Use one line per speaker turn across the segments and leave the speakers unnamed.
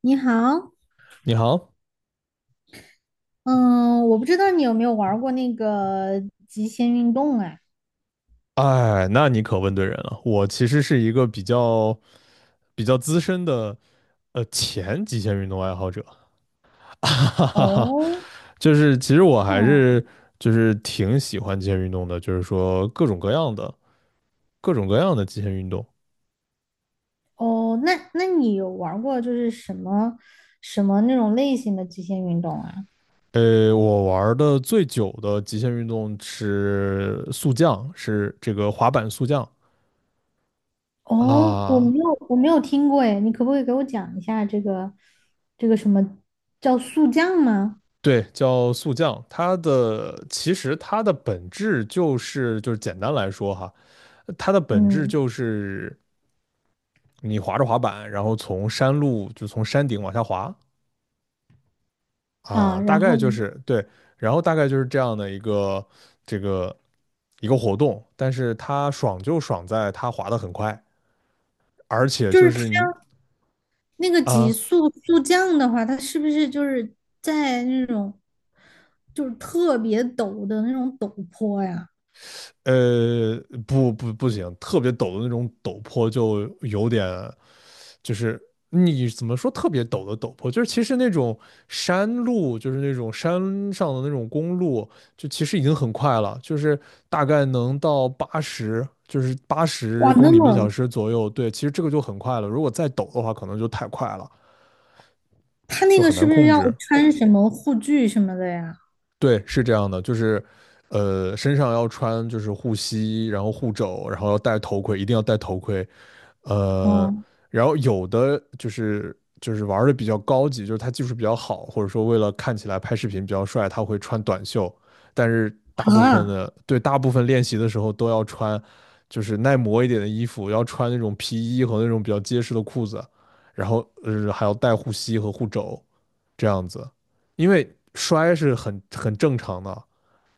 你好。
你好。
嗯，我不知道你有没有玩儿过那个极限运动啊？
哎，那你可问对人了。我其实是一个比较资深的前极限运动爱好者，哈哈哈。
哦。
就是其实我还
啊。
是就是挺喜欢极限运动的，就是说各种各样的极限运动。
哦，那你有玩儿过就是什么那种类型的极限运动啊？
我玩的最久的极限运动是速降，是这个滑板速降
哦，我
啊。
没有我没有听过哎，你可不可以给我讲一下这个这个什么叫速降吗？
对，叫速降，它的本质就是简单来说哈，它的本质
嗯。
就是你滑着滑板，然后从山路就从山顶往下滑
啊，
啊，大
然
概
后
就
呢？
是对，然后大概就是这样的这个一个活动，但是它爽就爽在它滑得很快，而且
就
就
是
是
它
你
那个极
啊
速速降的话，它是不是就是在那种就是特别陡的那种陡坡呀？
呃不不不行，特别陡的那种陡坡就有点。就是你怎么说特别陡的陡坡，就是其实那种山路，就是那种山上的那种公路，就其实已经很快了，就是大概能到八十，就是八十
哇，那
公里每小
么
时左右。对，其实这个就很快了，如果再陡的话，可能就太快了，
他那
就
个
很难
是不是
控
要
制。
穿什么护具什么的呀？
对，是这样的，就是，身上要穿就是护膝，然后护肘，然后要戴头盔，一定要戴头盔。呃，
哦。
然后有的就是玩的比较高级，就是他技术比较好，或者说为了看起来拍视频比较帅，他会穿短袖，但是大部分
啊。
的对，大部分练习的时候都要穿就是耐磨一点的衣服，要穿那种皮衣和那种比较结实的裤子，然后还要戴护膝和护肘这样子。因为摔是很正常的，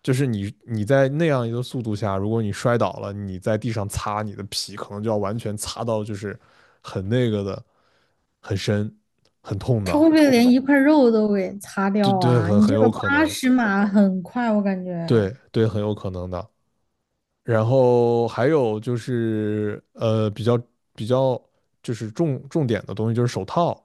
就是你在那样一个速度下，如果你摔倒了，你在地上擦，你的皮可能就要完全擦到就是很那个的，很深，很痛
他会
的。
不会连一块肉都给擦
对
掉
对，
啊？
很
你
很
这个
有可
八
能，
十码很快，我感觉。
对对，很有可能的。然后还有就是比较就是重点的东西就是手套，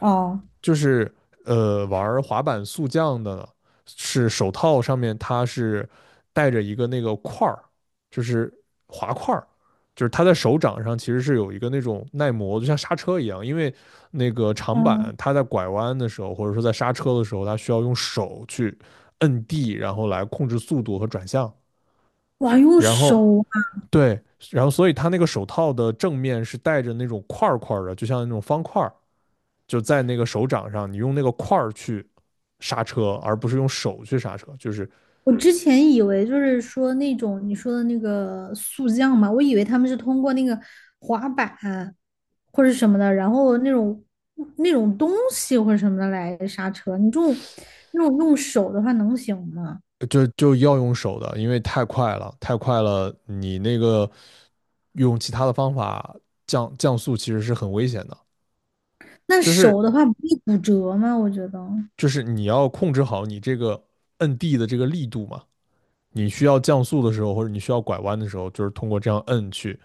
哦。
就是玩滑板速降的呢是手套上面它是带着一个那个块儿，就是滑块儿，就是它在手掌上其实是有一个那种耐磨，就像刹车一样，因为那个长板
嗯。
它在拐弯的时候，或者说在刹车的时候，它需要用手去摁地，然后来控制速度和转向，
哇，用
然后
手啊。
对。然后，所以它那个手套的正面是带着那种块儿块儿的，就像那种方块儿，就在那个手掌上，你用那个块儿去刹车，而不是用手去刹车，就是
我之前以为就是说那种你说的那个速降嘛，我以为他们是通过那个滑板或者什么的，然后那种那种东西或者什么的来刹车。你这种那种用手的话能行吗？
就要用手的，因为太快了，太快了，你那个用其他的方法降速其实是很危险的，
那
就是
手的话不会骨折吗？我觉得。
你要控制好你这个摁地的这个力度嘛，你需要降速的时候或者你需要拐弯的时候，就是通过这样摁去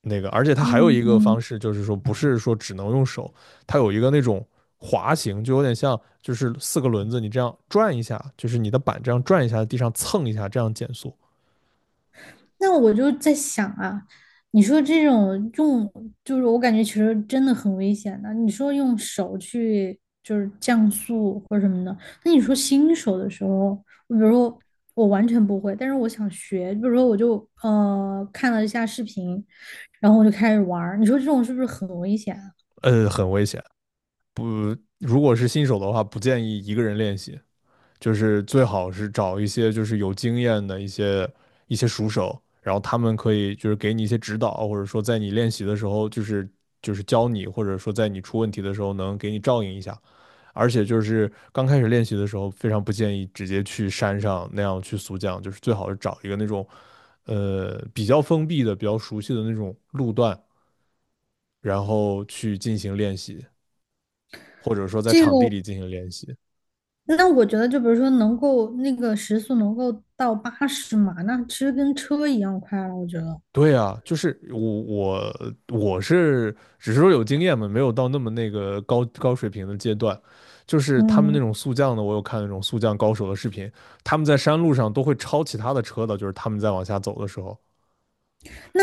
那个，而且它还有一个方
嗯。
式，就是说不是说只能用手，它有一个那种滑行，就有点像就是四个轮子你这样转一下，就是你的板这样转一下，地上蹭一下，这样减速。
那我就在想啊，你说这种用，就是我感觉其实真的很危险的。你说用手去就是降速或者什么的，那你说新手的时候，我比如说我完全不会，但是我想学，比如说我就看了一下视频，然后我就开始玩儿，你说这种是不是很危险啊？
很危险。如果是新手的话，不建议一个人练习，就是最好是找一些就是有经验的一些熟手，然后他们可以就是给你一些指导，或者说在你练习的时候，就是教你，或者说在你出问题的时候能给你照应一下。而且就是刚开始练习的时候，非常不建议直接去山上那样去速降，就是最好是找一个那种，比较封闭的、比较熟悉的那种路段，然后去进行练习，或者说在
这
场地
个
里进行练习。
那我觉得，就比如说能够那个时速能够到八十码，那其实跟车一样快了，我觉得。
对啊，就是我是只是说有经验嘛，没有到那么那个高水平的阶段。就是他们那
嗯，
种速降的，我有看那种速降高手的视频，他们在山路上都会超其他的车的，就是他们在往下走的时候，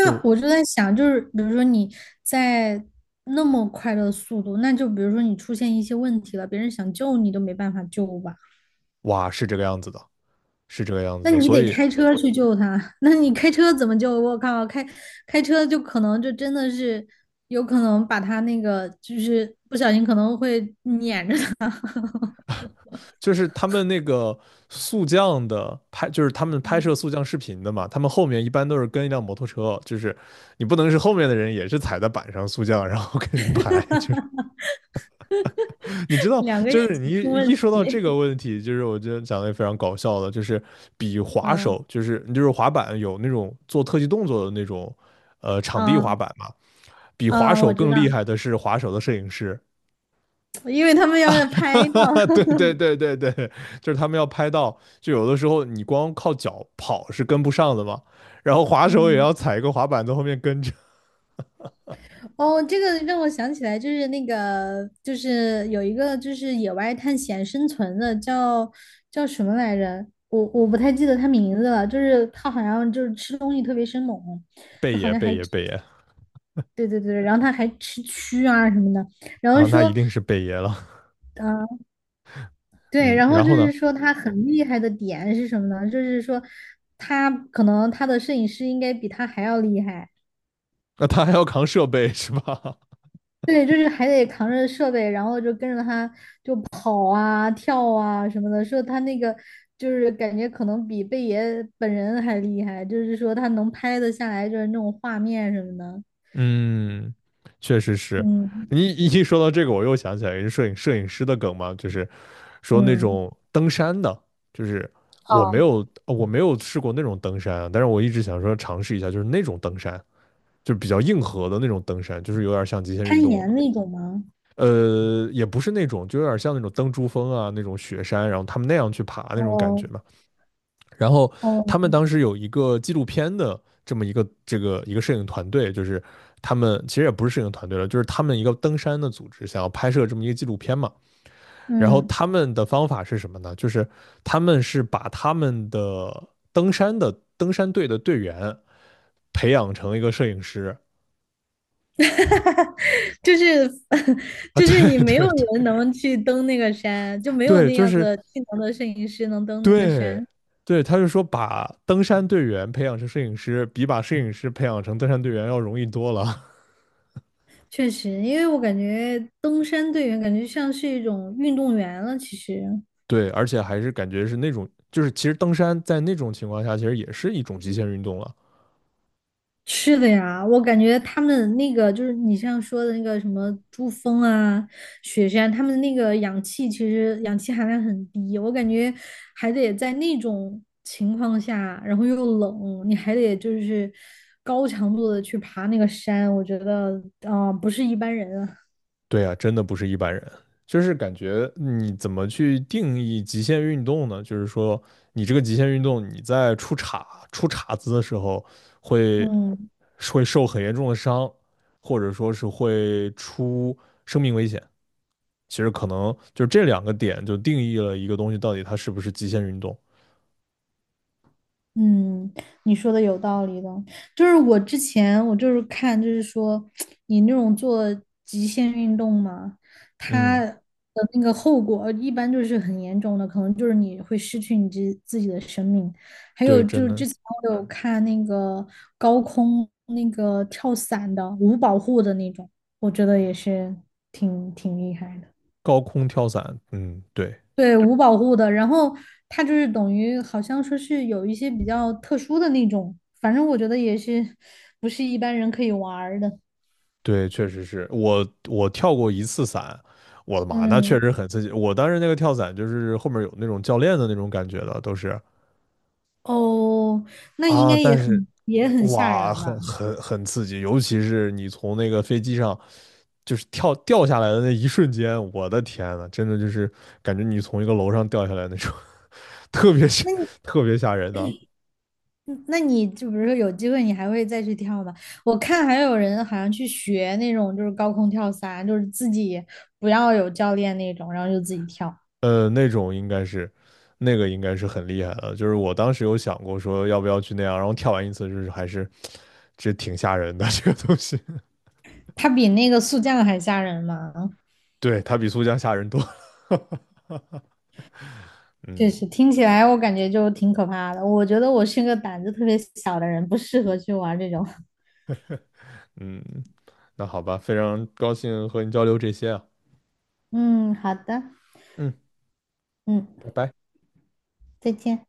就是
我就在想，就是比如说你在那么快的速度，那就比如说你出现一些问题了，别人想救你都没办法救吧？
哇，是这个样子的，是这个样子
那
的。
你
所
得
以
开车去救他，那你开车怎么救？我靠，开车就可能就真的是有可能把他那个就是不小心可能会碾着他，
就是他们那个速降的拍，就是他们拍摄速降视频的嘛，他们后面一般都是跟一辆摩托车，就是你不能是后面的人也是踩在板上速降，然后跟你拍，就是 你知道，
两个一
就是你
起出
一
问
一说到这个
题。
问题，就是我觉得讲的也非常搞笑的，就是比滑
嗯。
手，就是你就是滑板有那种做特技动作的那种，场地滑
嗯。
板嘛，比滑
嗯，
手
我知
更厉
道，
害的是滑手的摄影师。
因为他们要
哈
拍到。
哈，对对对对对，就是他们要拍到，就有的时候你光靠脚跑是跟不上的嘛，然后滑手也要
嗯。
踩一个滑板在后面跟着。
哦，这个让我想起来，就是那个，就是有一个就是野外探险生存的，叫叫什么来着？我不太记得他名字了，就是他好像就是吃东西特别生猛，
贝
就好
爷
像
贝
还
爷
吃。
贝爷
对对对，然后他还吃蛆啊什么的，然后
啊，那一
说。
定是贝爷了。
嗯、对，
嗯，
然后
然
就
后呢，
是说他很厉害的点是什么呢？就是说他可能他的摄影师应该比他还要厉害。
那他还要扛设备 是吧？
对，就是还得扛着设备，然后就跟着他跑啊、跳啊什么的。说他那个就是感觉可能比贝爷本人还厉害，就是说他能拍得下来，就是那种画面什么的。
嗯，确实是。
嗯。
你一说到这个，我又想起来一个摄影师的梗嘛，就是说那
嗯。
种登山的，就是我没
哦，
有我没有试过那种登山啊，但是我一直想说尝试一下，就是那种登山。就比较硬核的那种登山，就是有点像极限运
攀
动了
岩
嘛。
那种吗？
呃，也不是那种，就有点像那种登珠峰啊，那种雪山，然后他们那样去爬那种感
哦。
觉嘛。然后
哦。
他们当时有一个纪录片的这么一个摄影团队，就是他们其实也不是摄影团队了，就是他们一个登山的组织想要拍摄这么一个纪录片嘛。然后
嗯。
他们的方法是什么呢？就是他们是把他们的登山的登山队的队员培养成一个摄影师
就是
啊，
就
对
是你没
对
有
对
人能去登那个山，就没有
对，
那
就
样
是
的技能的摄影师能登那个
对，
山。
对，他就说把登山队员培养成摄影师，比把摄影师培养成登山队员要容易多了。
确实，因为我感觉登山队员感觉像是一种运动员了。其实
对，而且还是感觉是那种，就是其实登山在那种情况下，其实也是一种极限运动了。
是的呀，我感觉他们那个就是你像说的那个什么珠峰啊、雪山，他们那个氧气其实氧气含量很低，我感觉还得在那种情况下，然后又冷，你还得就是高强度的去爬那个山，我觉得啊、不是一般人啊。
对啊，真的不是一般人，就是感觉你怎么去定义极限运动呢？就是说，你这个极限运动，你在出岔子的时候会
嗯。
会受很严重的伤，或者说是会出生命危险。其实可能就这两个点就定义了一个东西到底它是不是极限运动。
嗯，你说的有道理的，就是我之前我就是看，就是说你那种做极限运动嘛，它
嗯，
的那个后果一般就是很严重的，可能就是你会失去你自己的生命。还有
对，
就
真
是
的。
之前我有看那个高空那个跳伞的，无保护的那种，我觉得也是挺厉害的。
高空跳伞，嗯，对
对，无保护的，然后它就是等于好像说是有一些比较特殊的那种，反正我觉得也是不是一般人可以玩儿的。
对，确实是我跳过一次伞，我的妈，那确
嗯。
实很刺激。我当时那个跳伞就是后面有那种教练的那种感觉的，都是
哦，那应
啊，
该也
但是
很也很吓
哇，
人
很
吧？
很很刺激，尤其是你从那个飞机上就是跳掉下来的那一瞬间，我的天呐，真的就是感觉你从一个楼上掉下来那种，特别吓，特别吓人的。
嗯，那你就比如说有机会你还会再去跳吗？我看还有人好像去学那种就是高空跳伞，就是自己不要有教练那种，然后就自己跳。
那种应该是那个应该是很厉害的，就是我当时有想过说要不要去那样，然后跳完一次就是还是这挺吓人的 这个东西。
它比那个速降还吓人吗？
对，它比速降吓人多。
确
嗯
实听起来我感觉就挺可怕的。我觉得我是个胆子特别小的人，不适合去玩这种。
嗯，那好吧，非常高兴和你交流这些啊。
嗯，好的。
嗯，
嗯，
拜拜。
再见。